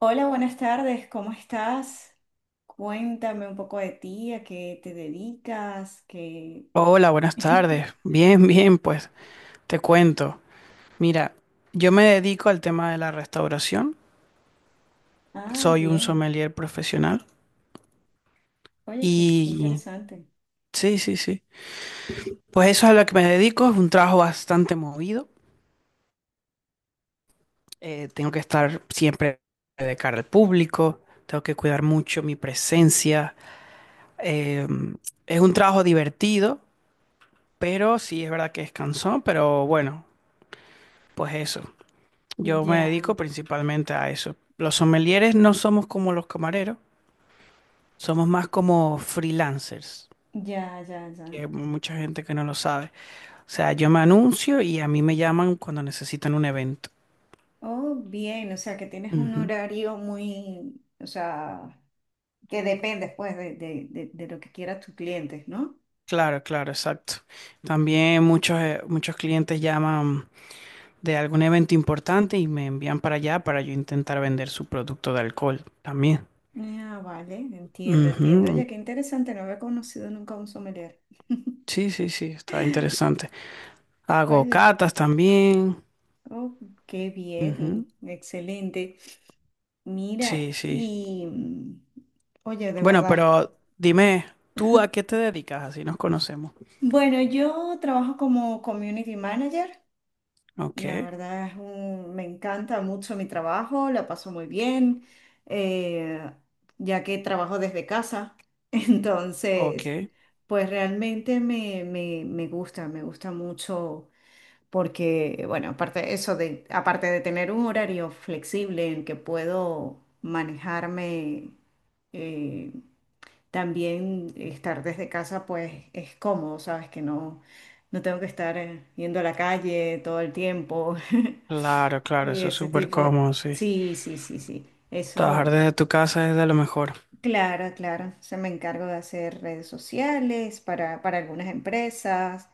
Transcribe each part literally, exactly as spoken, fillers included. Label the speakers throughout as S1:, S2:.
S1: Hola, buenas tardes, ¿cómo estás? Cuéntame un poco de ti, a qué te dedicas, qué...
S2: Hola, buenas tardes. Bien, bien, pues te cuento. Mira, yo me dedico al tema de la restauración.
S1: Ah,
S2: Soy un
S1: bien.
S2: sommelier profesional
S1: Oye, qué, qué
S2: y
S1: interesante.
S2: sí, sí, sí. Pues eso es a lo que me dedico. Es un trabajo bastante movido. Eh, tengo que estar siempre de cara al público. Tengo que cuidar mucho mi presencia. Eh, es un trabajo divertido, pero sí es verdad que es cansón, pero bueno, pues eso. Yo me
S1: Ya,
S2: dedico principalmente a eso. Los sommeliers no somos como los camareros, somos más como freelancers,
S1: ya, ya, ya.
S2: que hay mucha gente que no lo sabe. O sea, yo me anuncio y a mí me llaman cuando necesitan un evento.
S1: Oh, bien, o sea, que tienes un
S2: Ujú.
S1: horario muy, o sea, que depende pues de, de, de, de lo que quieran tus clientes, ¿no?
S2: Claro, claro, exacto. También muchos, eh, muchos clientes llaman de algún evento importante y me envían para allá para yo intentar vender su producto de alcohol también.
S1: Ah, vale, entiendo, entiendo. Oye,
S2: Ujú.
S1: qué interesante, no había conocido nunca a un sommelier.
S2: Sí, sí, sí, está interesante. Hago
S1: Oye,
S2: catas también.
S1: oh, qué bien,
S2: Ujú.
S1: excelente. Mira,
S2: Sí, sí.
S1: y mm, oye, de
S2: Bueno,
S1: verdad. que-
S2: pero dime, ¿tú a qué te dedicas? Así nos conocemos.
S1: Bueno, yo trabajo como community manager.
S2: Ok,
S1: La verdad es un, me encanta mucho mi trabajo, la paso muy bien, eh, ya que trabajo desde casa. Entonces,
S2: ok.
S1: pues realmente me, me, me gusta, me gusta mucho porque, bueno, aparte de eso de, aparte de tener un horario flexible en que puedo manejarme. eh, También estar desde casa pues es cómodo, ¿sabes? Que no, no tengo que estar eh, yendo a la calle todo el tiempo.
S2: Claro, claro,
S1: Y
S2: eso es
S1: ese
S2: súper
S1: tipo.
S2: cómodo, sí.
S1: Sí, sí, sí, sí.
S2: Trabajar
S1: Eso,
S2: desde tu casa es de lo mejor.
S1: claro, claro. Se me encargo de hacer redes sociales para, para algunas empresas,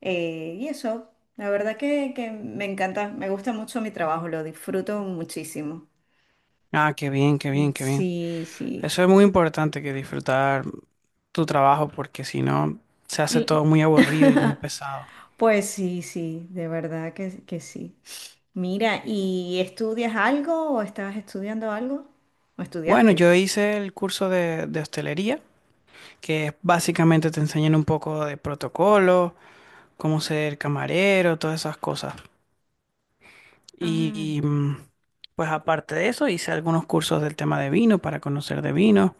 S1: eh, y eso. La verdad que, que me encanta, me gusta mucho mi trabajo, lo disfruto muchísimo.
S2: Ah, qué bien, qué bien, qué bien.
S1: Sí, sí.
S2: Eso es muy importante que disfrutar tu trabajo porque si no se hace
S1: Cl-
S2: todo muy aburrido y muy pesado.
S1: Pues sí, sí, de verdad que, que sí. Mira, ¿y estudias algo o estabas estudiando algo? ¿O
S2: Bueno,
S1: estudiaste?
S2: yo hice el curso de, de hostelería, que es básicamente te enseñan un poco de protocolo, cómo ser camarero, todas esas cosas.
S1: Ah,
S2: Y mm, pues aparte de eso, hice algunos cursos del tema de vino para conocer de vino.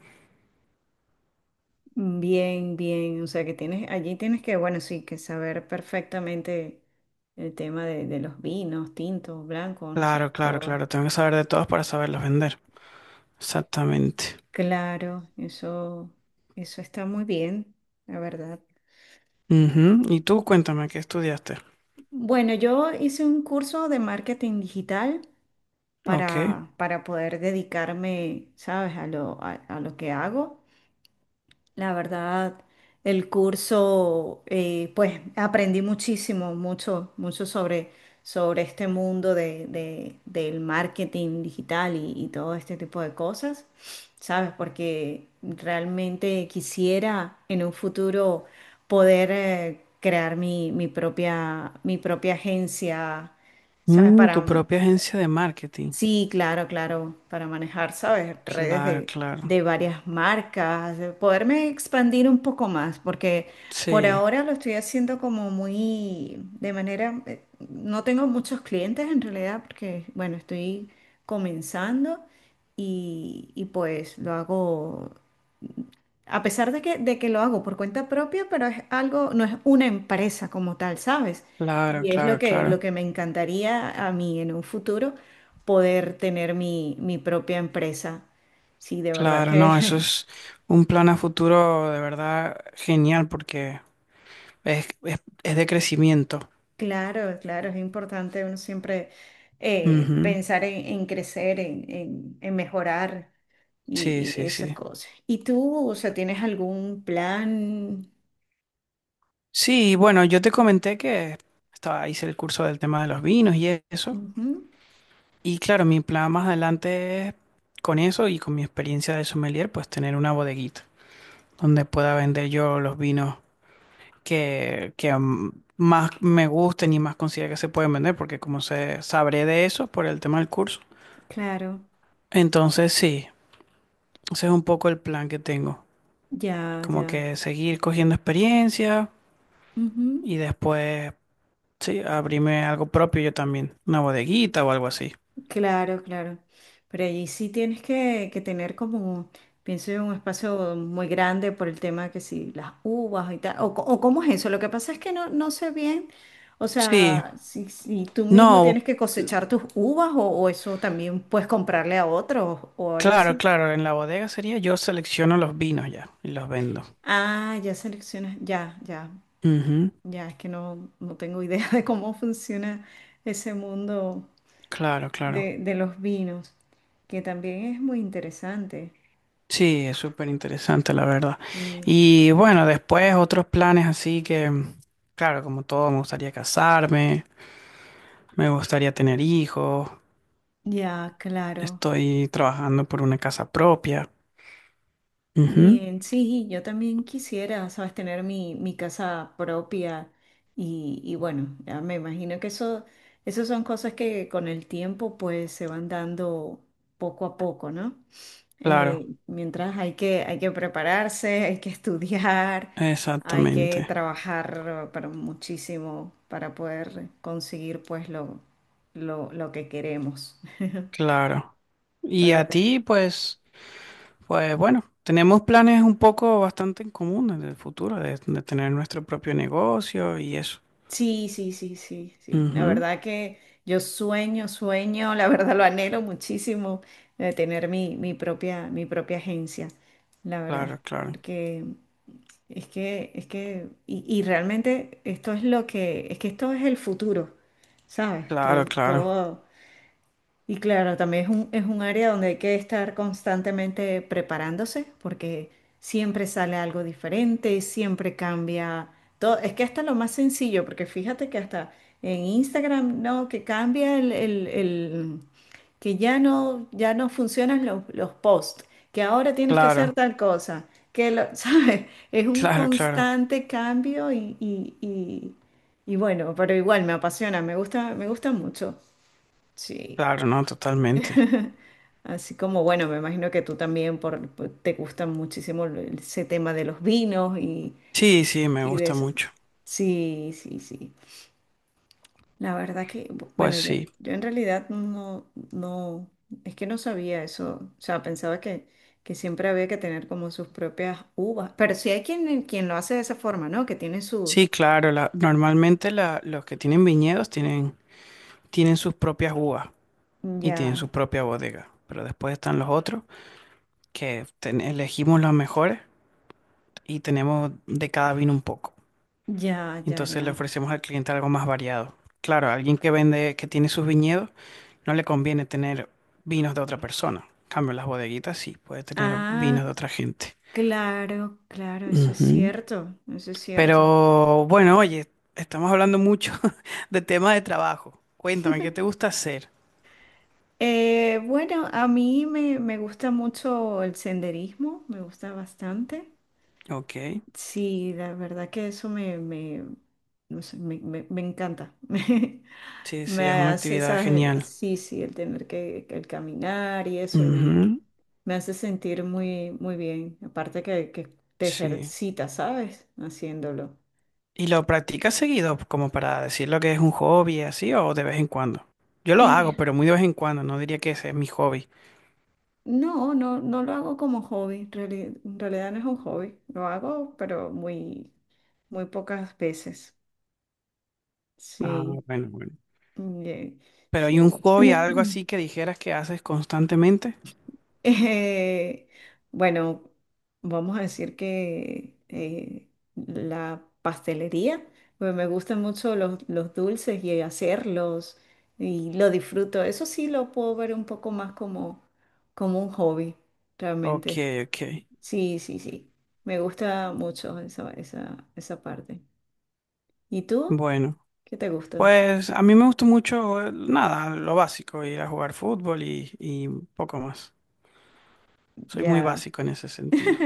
S1: bien, bien. O sea que tienes, allí tienes que, bueno, sí, que saber perfectamente el tema de, de los vinos, tintos, blancos, no sé,
S2: Claro, claro,
S1: todo.
S2: claro, tengo que saber de todos para saberlos vender. Exactamente.
S1: Claro, eso, eso está muy bien, la verdad.
S2: Ujú. Y tú cuéntame, ¿qué estudiaste?
S1: Bueno, yo hice un curso de marketing digital
S2: Ok.
S1: para, para poder dedicarme, ¿sabes?, a lo, a a lo que hago. La verdad, el curso, eh, pues aprendí muchísimo, mucho, mucho sobre, sobre este mundo de, de- del marketing digital y, y todo este tipo de cosas, ¿sabes? Porque realmente quisiera en un futuro poder eh, crear mi, mi propia, mi propia agencia, ¿sabes?
S2: Mm, tu
S1: Para...
S2: propia agencia de marketing.
S1: Sí, claro, claro, para manejar, ¿sabes? Redes
S2: Claro,
S1: de,
S2: claro.
S1: de varias marcas, de poderme expandir un poco más, porque por
S2: Sí,
S1: ahora lo estoy haciendo como muy, de manera, eh, no tengo muchos clientes en realidad, porque, bueno, estoy comenzando y, y pues lo hago, a pesar de que, de que lo hago por cuenta propia, pero es algo, no es una empresa como tal, ¿sabes?
S2: claro,
S1: Y es lo
S2: claro,
S1: que, lo
S2: claro.
S1: que me encantaría a mí en un futuro, poder tener mi, mi propia empresa. Sí, de verdad
S2: Claro, no, eso
S1: que,
S2: es un plan a futuro de verdad genial porque es, es, es de crecimiento.
S1: claro, claro, es importante uno siempre eh,
S2: Ujú.
S1: pensar en, en crecer, en, en- en mejorar
S2: Sí,
S1: y, y
S2: sí,
S1: esas
S2: sí.
S1: cosas. ¿Y tú, o sea, tienes algún plan?
S2: Sí, bueno, yo te comenté que estaba, hice el curso del tema de los vinos y eso.
S1: Ujú,
S2: Y claro, mi plan más adelante es con eso y con mi experiencia de sommelier, pues tener una bodeguita donde pueda vender yo los vinos que, que mm, más me gusten y más considero que se pueden vender, porque como sé, sabré de eso por el tema del curso.
S1: claro,
S2: Entonces, sí, ese es un poco el plan que tengo.
S1: ya,
S2: Como
S1: ya.
S2: que seguir cogiendo experiencia
S1: Ujú.
S2: y después sí, abrirme algo propio yo también, una bodeguita o algo así.
S1: Claro, claro. Pero allí sí tienes que, que tener como, pienso yo, un espacio muy grande por el tema que si las uvas y tal, o, co- o cómo es eso. Lo que pasa es que no, no sé bien, o
S2: Sí,
S1: sea, si, si tú mismo tienes
S2: no,
S1: que cosechar tus uvas o, o eso también puedes comprarle a otros o algo
S2: claro,
S1: así.
S2: claro, en la bodega sería yo selecciono los vinos ya y los vendo.
S1: Ah, ya seleccionas, ya, ya,
S2: Ujú,
S1: ya, es que no, no tengo idea de cómo funciona ese mundo
S2: claro, claro.
S1: de, de los vinos, que también es muy interesante.
S2: Sí, es súper interesante, la verdad. Y bueno, después otros planes así que, claro, como todo, me gustaría casarme, me gustaría tener hijos,
S1: Ya, claro.
S2: estoy trabajando por una casa propia. Ujú,
S1: Bien, sí, yo también quisiera, sabes, tener mi, mi casa propia y, y bueno, ya me imagino que eso, eso son cosas que con el tiempo pues se van dando poco a poco, ¿no?
S2: claro,
S1: Eh, mientras hay que, hay que prepararse, hay que estudiar, hay que
S2: exactamente.
S1: trabajar para muchísimo para poder conseguir pues lo, lo, lo que queremos.
S2: Claro. Y a
S1: Pero...
S2: ti, pues, pues bueno, tenemos planes un poco bastante en común en el futuro, de, de tener nuestro propio negocio y eso.
S1: Sí, sí, sí, sí, sí. La
S2: Ujú,
S1: verdad que yo sueño, sueño, la verdad lo anhelo muchísimo de tener mi, mi propia, mi propia agencia, la verdad.
S2: claro, claro,
S1: Porque es que, es que, y, y realmente esto es lo que, es que esto es el futuro, ¿sabes?
S2: claro,
S1: Todo,
S2: claro,
S1: todo. Y claro, también es un, es un área donde hay que estar constantemente preparándose porque siempre sale algo diferente, siempre cambia todo. Es que hasta lo más sencillo, porque fíjate que hasta en Instagram, no, que cambia el, el- el- que ya no, ya no funcionan los, los posts, que ahora tienes que hacer
S2: claro,
S1: tal cosa, que lo, ¿sabes? Es un
S2: claro, claro,
S1: constante cambio y, y, y, y bueno, pero igual me apasiona, me gusta, me gusta mucho. Sí.
S2: claro, no, totalmente.
S1: Así como, bueno, me imagino que tú también por, por- te gusta muchísimo el- ese tema de los vinos y,
S2: Sí, sí, me
S1: y de
S2: gusta
S1: eso.
S2: mucho.
S1: Sí, sí, sí. La verdad que, bu-
S2: Pues
S1: bueno, yo,
S2: sí,
S1: yo en realidad no, no, es que no sabía eso. O sea, pensaba que, que siempre había que tener como sus propias uvas. Pero sí hay quien, quien lo hace de esa forma, ¿no? Que tiene su...
S2: sí, claro, la- normalmente la- los que tienen viñedos tienen, tienen sus propias uvas y tienen
S1: Ya,
S2: su propia bodega, pero después están los otros que ten- elegimos las mejores y tenemos de cada vino un poco.
S1: ya, ya,
S2: Entonces
S1: ya.
S2: le ofrecemos al cliente algo más variado. Claro, a alguien que vende, que tiene sus viñedos, no le conviene tener vinos de otra persona. En cambio, las bodeguitas sí, puede tener
S1: Ah,
S2: vinos de otra gente.
S1: claro, claro, eso es
S2: Ujú.
S1: cierto, eso es cierto.
S2: Pero bueno, oye, estamos hablando mucho de temas de trabajo. Cuéntame, ¿qué te gusta hacer?
S1: Eh, bueno, a mí me, me gusta mucho el senderismo, me gusta bastante.
S2: Ok,
S1: Sí, la verdad que eso me, me, no sé, me, me- me encanta. Me,
S2: sí,
S1: me
S2: sí, es una
S1: hace,
S2: actividad
S1: ¿sabes? El...
S2: genial.
S1: Sí, sí, el tener que, que el caminar y eso me,
S2: Ujú,
S1: me hace sentir muy, muy bien. Aparte que, que te
S2: sí.
S1: ejercitas, ¿sabes? Haciéndolo.
S2: ¿Y lo practicas seguido, como para decir lo que es un hobby, así, o de vez en cuando? Yo lo hago,
S1: Eh,
S2: pero muy de vez en cuando, no diría que ese es mi hobby.
S1: no, no, no lo hago como hobby. En reali- en realidad no es un hobby. Lo hago, pero muy, muy pocas veces.
S2: Ah,
S1: Sí,
S2: bueno, bueno.
S1: bien,
S2: Pero ¿hay un
S1: sí.
S2: hobby, algo así que dijeras que haces constantemente?
S1: Eh, bueno, vamos a decir que eh, la pastelería, pues me gustan mucho los, los dulces y hacerlos y lo disfruto. Eso sí lo puedo ver un poco más como, como un hobby,
S2: Ok,
S1: realmente.
S2: ok.
S1: Sí, sí, sí. Me gusta mucho esa, esa, esa parte. ¿Y tú?
S2: Bueno,
S1: ¿Qué te gusta?
S2: pues a mí me gusta mucho, eh, nada, lo básico, ir a jugar fútbol y, y poco más. Soy muy
S1: Ya.
S2: básico en ese sentido.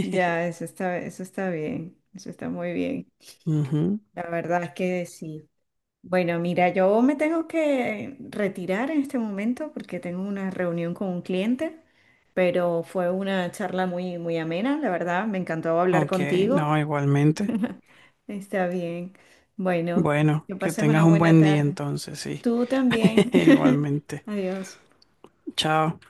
S1: Ya, eso está, eso está bien, eso está muy bien.
S2: Ujú.
S1: La verdad es que sí. Bueno, mira, yo me tengo que retirar en este momento porque tengo una reunión con un cliente, pero fue una charla muy, muy amena, la verdad, me encantó hablar
S2: Ok,
S1: contigo.
S2: no, igualmente.
S1: Está bien. Bueno,
S2: Bueno,
S1: que
S2: que
S1: pases
S2: tengas
S1: una
S2: un
S1: buena
S2: buen día
S1: tarde.
S2: entonces, sí.
S1: Tú también.
S2: Igualmente.
S1: Adiós.
S2: Chao.